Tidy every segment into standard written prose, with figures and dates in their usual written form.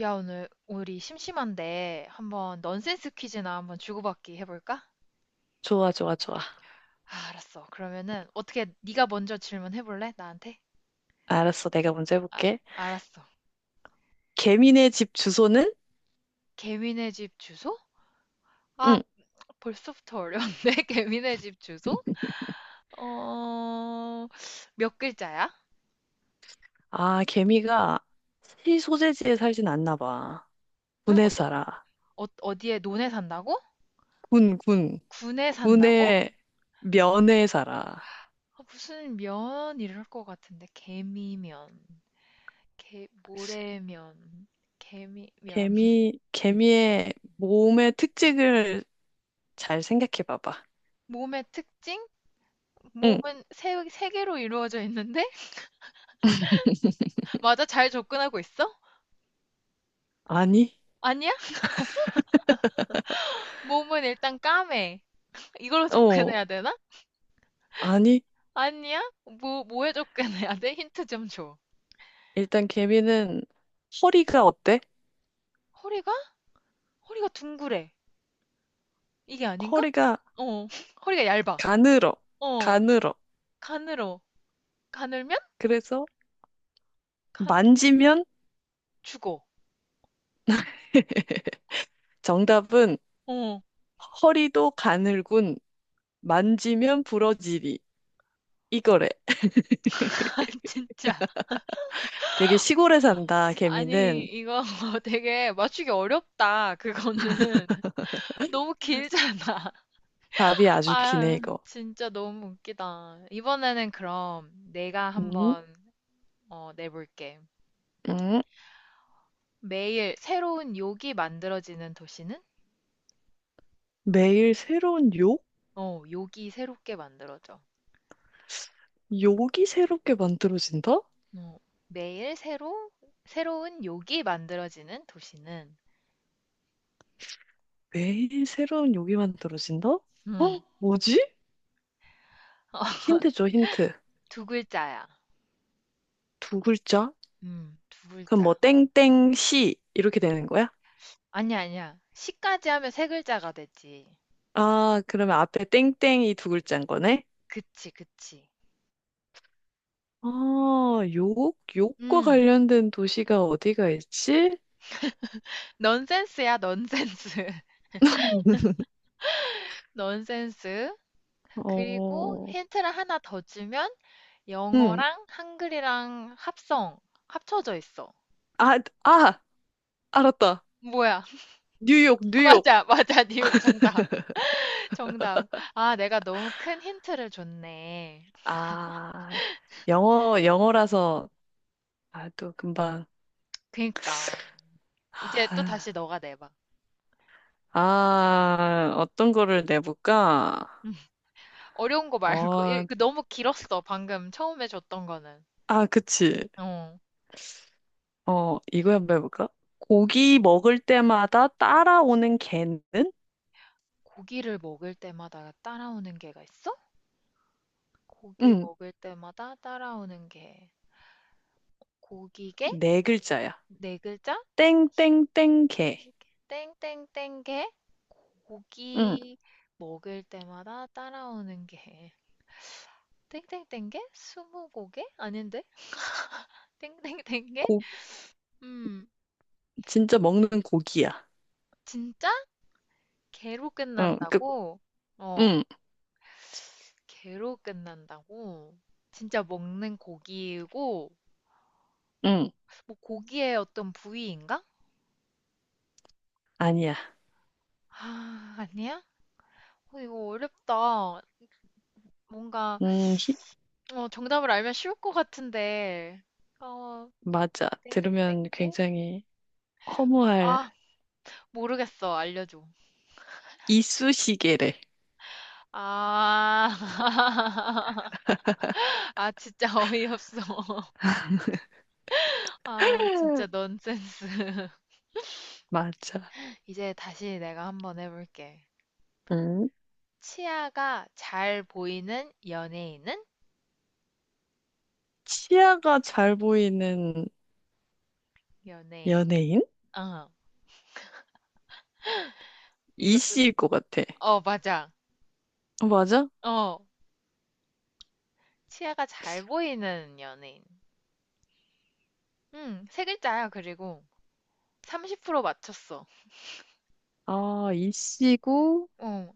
야, 오늘 우리 심심한데 한번 넌센스 퀴즈나 한번 주고받기 해볼까? 좋아, 좋아, 좋아. 아, 알았어. 그러면은 어떻게 네가 먼저 질문해볼래? 나한테? 알았어. 내가 먼저 아, 해볼게. 알았어. 개미네 집 주소는? 개미네 집 주소? 아, 응. 벌써부터 어려운데? 개미네 집 주소? 어, 몇 글자야? 아, 개미가 시 소재지에 살진 않나 봐. 응? 군에 어떤, 살아. 어, 어디에 논에 산다고? 군. 군에 산다고? 군의 면에 살아. 아, 무슨 면 이럴 것 같은데. 개미면, 개, 모래면, 개미면. 개미의 몸의 특징을 잘 생각해 봐봐. 몸의 특징? 응. 몸은 세 개로 이루어져 있는데? 맞아, 잘 접근하고 있어? 아니? 아니야? 몸은 일단 까매. 이걸로 어, 접근해야 되나? 아니. 아니야? 뭐에 접근해야 돼? 힌트 좀 줘. 일단 개미는 허리가 어때? 허리가? 허리가 둥그래. 이게 아닌가? 허리가 어, 허리가 얇아. 가늘어. 어, 가늘어. 가늘어. 가늘면? 그래서 간, 만지면 죽어. 정답은 어, 허리도 가늘군 만지면 부러지리 이거래. 아, 진짜. 되게 시골에 산다 아니, 개미는 이거 되게 맞추기 어렵다, 그거는. 너무 길잖아. 답이 아주 기네 아, 이거. 진짜 너무 웃기다. 이번에는 그럼 내가 음, 한번 어, 내볼게. 음. 매일 새로운 욕이 만들어지는 도시는? 매일 새로운 욕? 어, 욕이 새롭게 만들어져. 욕이 새롭게 만들어진다? 어, 매일 새로, 새로운 욕이 만들어지는 도시는? 매일 새로운 욕이 만들어진다? 어? 음, 뭐지? 힌트 줘 힌트. 두 글자야. 두 글자? 두 그럼 뭐 글자. 땡땡 시 이렇게 되는 거야? 아니야, 아니야. 시까지 하면 세 글자가 되지. 아 그러면 앞에 땡땡이 두 글자인 거네? 그치, 그치. 아, 욕? 욕과 음, 관련된 도시가 어디가 있지? 넌센스야, 넌센스. 넌센스. 그리고 어, 힌트를 하나 더 주면 응. 영어랑 한글이랑 합성, 합쳐져 있어. 아, 아, 알았다. 뭐야? 뉴욕, 뉴욕. 맞아, 맞아. 뉴욕 정답. 정답. 아, 내가 너무 큰 힌트를 줬네. 아, 영어라서, 아, 또 금방. 그니까. 이제 또 다시 아, 너가 내봐. 아, 어떤 거를 내볼까? 음, 어려운 거 말고. 어, 그 너무 길었어. 방금 처음에 줬던 거는. 아, 그치. 어. 어, 이거 한번 해볼까? 고기 먹을 때마다 따라오는 개는? 고기를 먹을 때마다 따라오는 게가 있어? 고기 응, 먹을 때마다 따라오는 게. 고기게? 네 글자야. 네 글자? 땡땡땡 개. 땡땡땡 게 응, 고기 먹을 때마다 따라오는 게 땡땡땡 게 스무고개 아닌데 땡땡땡 게 고, 음, 진짜 먹는 고기야. 진짜 개로 응, 그, 끝난다고? 어, 응, 개로 끝난다고? 진짜 먹는 고기이고 응, 뭐 고기의 어떤 부위인가? 아니야. 아, 아니야? 어, 이거 어렵다. 뭔가 음, 히- 어, 정답을 알면 쉬울 것 같은데. 어, 맞아. 땡땡땡 들으면 게? 굉장히 허무할 아, 모르겠어. 알려줘. 이쑤시개래. 아, 아, 진짜 어이없어. 아, 진짜 넌센스. 맞아. 이제 다시 내가 한번 해볼게. 음. 치아가 잘 보이는 연예인은? 치아가 잘 보이는 연예인. 연예인? 어, 이것도, 이씨일 것 같아. 어, 맞아. 어, 맞아? 어, 치아가 잘 보이는 연예인. 응, 세 글자야, 그리고. 30% 맞췄어. 아, 이씨고, 어,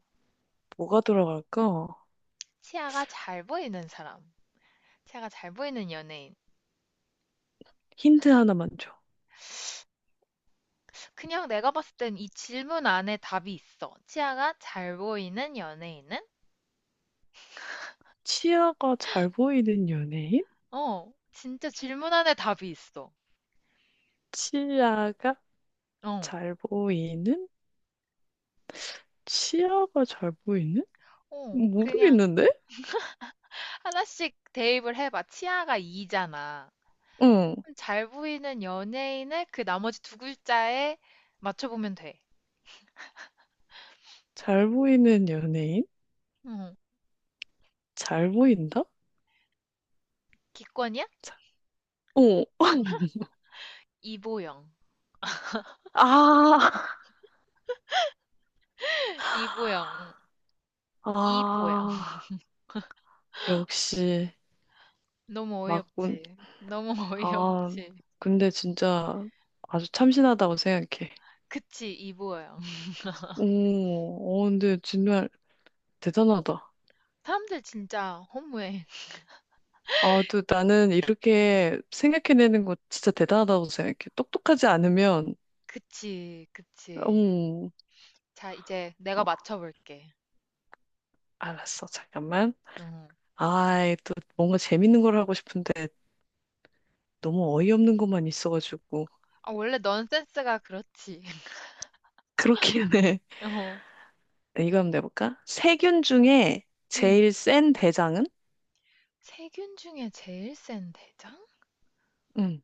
뭐가 들어갈까? 치아가 잘 보이는 사람. 치아가 잘 보이는 연예인. 힌트 하나만 줘. 그냥 내가 봤을 땐 이 질문 안에 답이 있어. 치아가 잘 보이는 연예인은? 치아가 잘 보이는 연예인? 어, 진짜 질문 안에 답이 있어. 치아가 어, 잘 보이는? 치아가 잘 보이는? 어, 그냥 모르겠는데? 하나씩 대입을 해봐. 치아가 이잖아. 응. 그럼 잘 보이는 연예인을 그 나머지 두 글자에 맞춰보면 돼. 잘 보이는 연예인? 응, 잘 보인다? 기권이야? 자, 어. 이보영. 아, 이보영. 이보영. 아, 역시, 너무 맞군. 어이없지. 너무 아, 어이없지. 근데 진짜 아주 참신하다고 생각해. 그치, 이보영. 오, 어, 근데 정말 대단하다. 사람들 진짜 허무해. 아, 또 나는 이렇게 생각해내는 거 진짜 대단하다고 생각해. 똑똑하지 않으면, 그치, 그치. 음, 자, 이제 내가 어, 맞춰볼게. 알았어. 잠깐만. 어. 아이, 또 뭔가 재밌는 걸 하고 싶은데 너무 어이없는 것만 있어가지고. 아, 원래 넌 센스가 그렇지. 그렇긴 해. 어. 이거 한번 내볼까? 세균 중에 음. 제일 센 대장은? 세균 중에 제일 센 대장? 응,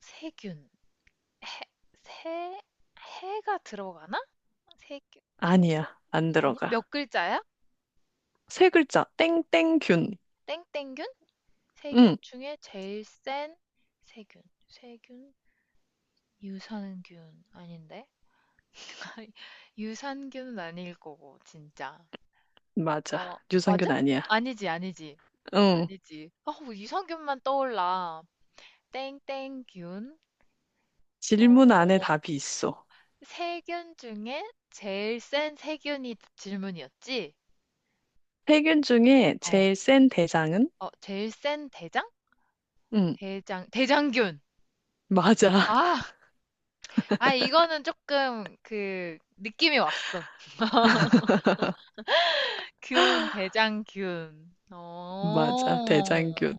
세균. 해, 세, 해가 들어가나? 세균, 세, 아니야. 안 아니야? 들어가. 몇 글자야? 세 글자, 땡땡균. 땡땡균? 세균 응, 중에 제일 센 세균. 세균? 유산균 아닌데? 유산균은 아닐 거고, 진짜. 맞아. 어, 맞아? 유산균 아니야. 아니지, 아니지. 응, 아니지. 아, 유 유산균만 떠올라. 땡땡균, 질문 안에 어, 답이 있어. 세균 중에 제일 센 세균이 질문이었지? 세균 중에 어, 제일 센 대장은? 어, 제일 센 대장? 응, 대장, 대장균. 맞아. 아, 아, 이거는 조금 그 느낌이 왔어. 균, 대장균. 어, 맞아. 대장균.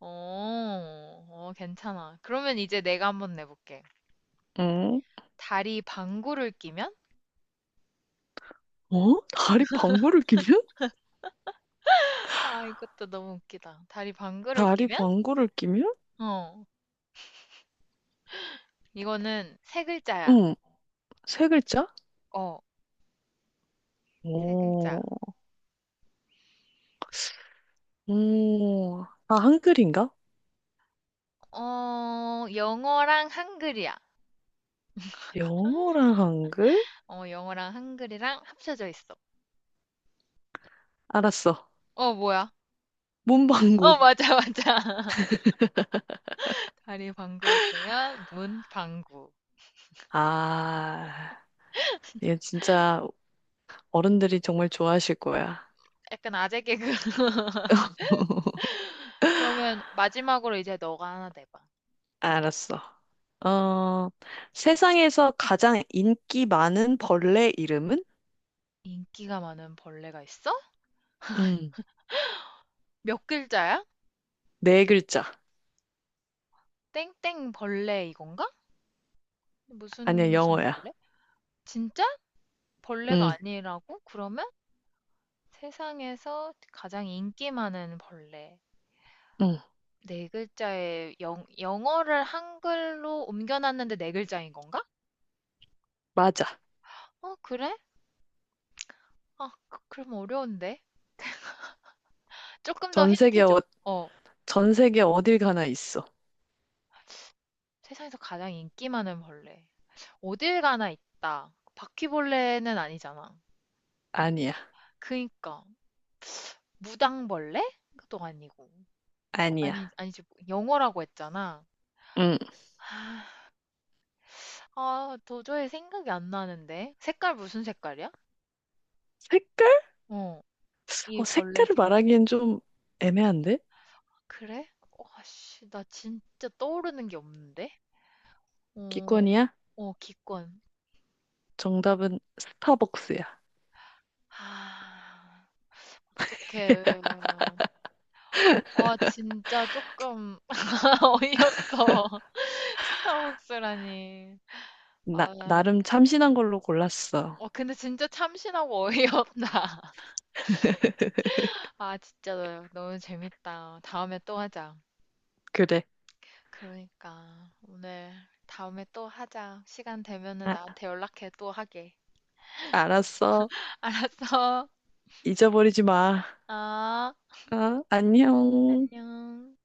어, 어, 괜찮아. 그러면 이제 내가 한번 내볼게. 응, 다리 방구를 끼면? 어? 다리 방구를 끼면? 아, 이것도 너무 웃기다. 다리 방구를 다리 끼면? 방구를 끼면? 어, 이거는 세 글자야. 응, 세 글자? 어. 세 글자. 오, 오, 아, 한글인가? 어, 영어랑 한글이야. 영어랑 한글? 어, 영어랑 한글이랑 합쳐져 있어. 알았어. 어, 뭐야? 몸방구. 어, 맞아, 맞아. 다리 방구를 끼면 문 방구. 아, 이거 진짜 어른들이 정말 좋아하실 거야. 약간 아재 개그. 그러면 마지막으로 이제 너가 하나 내봐. 알았어. 어, 세상에서 가장 인기 많은 벌레 이름은? 인기가 많은 벌레가 있어? 음, 몇 글자야? 네 글자. 땡땡 벌레 이건가? 무슨 아니야, 무슨 영어야. 벌레? 진짜? 벌레가 음, 아니라고? 그러면 세상에서 가장 인기 많은 벌레. 음, 네 글자의 영 영어를 한글로 옮겨놨는데 네 글자인 건가? 맞아. 어 그래? 아 그럼 어려운데. 조금 더 전 세계, 힌트 어, 줘. 어. 전 세계 어딜 가나 있어. 세상에서 가장 인기 많은 벌레. 어딜 가나 있다. 바퀴벌레는 아니잖아. 아니야, 그니까. 무당벌레? 그것도 아니고. 어 아니 아니야. 아니지. 영어라고 했잖아. 음, 아 아, 도저히 생각이 안 나는데. 색깔 무슨 색깔이야? 색깔? 어. 이 어, 벌레 색깔을 색깔. 말하기엔 좀 애매한데? 그래? 와, 씨, 나 진짜 떠오르는 게 없는데? 어, 기권이야? 어, 기권. 정답은 스타벅스야. 아, 어떡해. 와, 진짜 조금 어이없어. 스타벅스라니. 아, 나름 참신한 걸로 골랐어. 어, 근데 진짜 참신하고 어이없다. 아, 진짜 너무 재밌다. 다음에 또 하자. 그래. 그러니까, 오늘 다음에 또 하자. 시간 되면은 아, 나한테 연락해, 또 하게. 알았어. 알았어. 잊어버리지 마. 아, 아, 안녕. 안녕.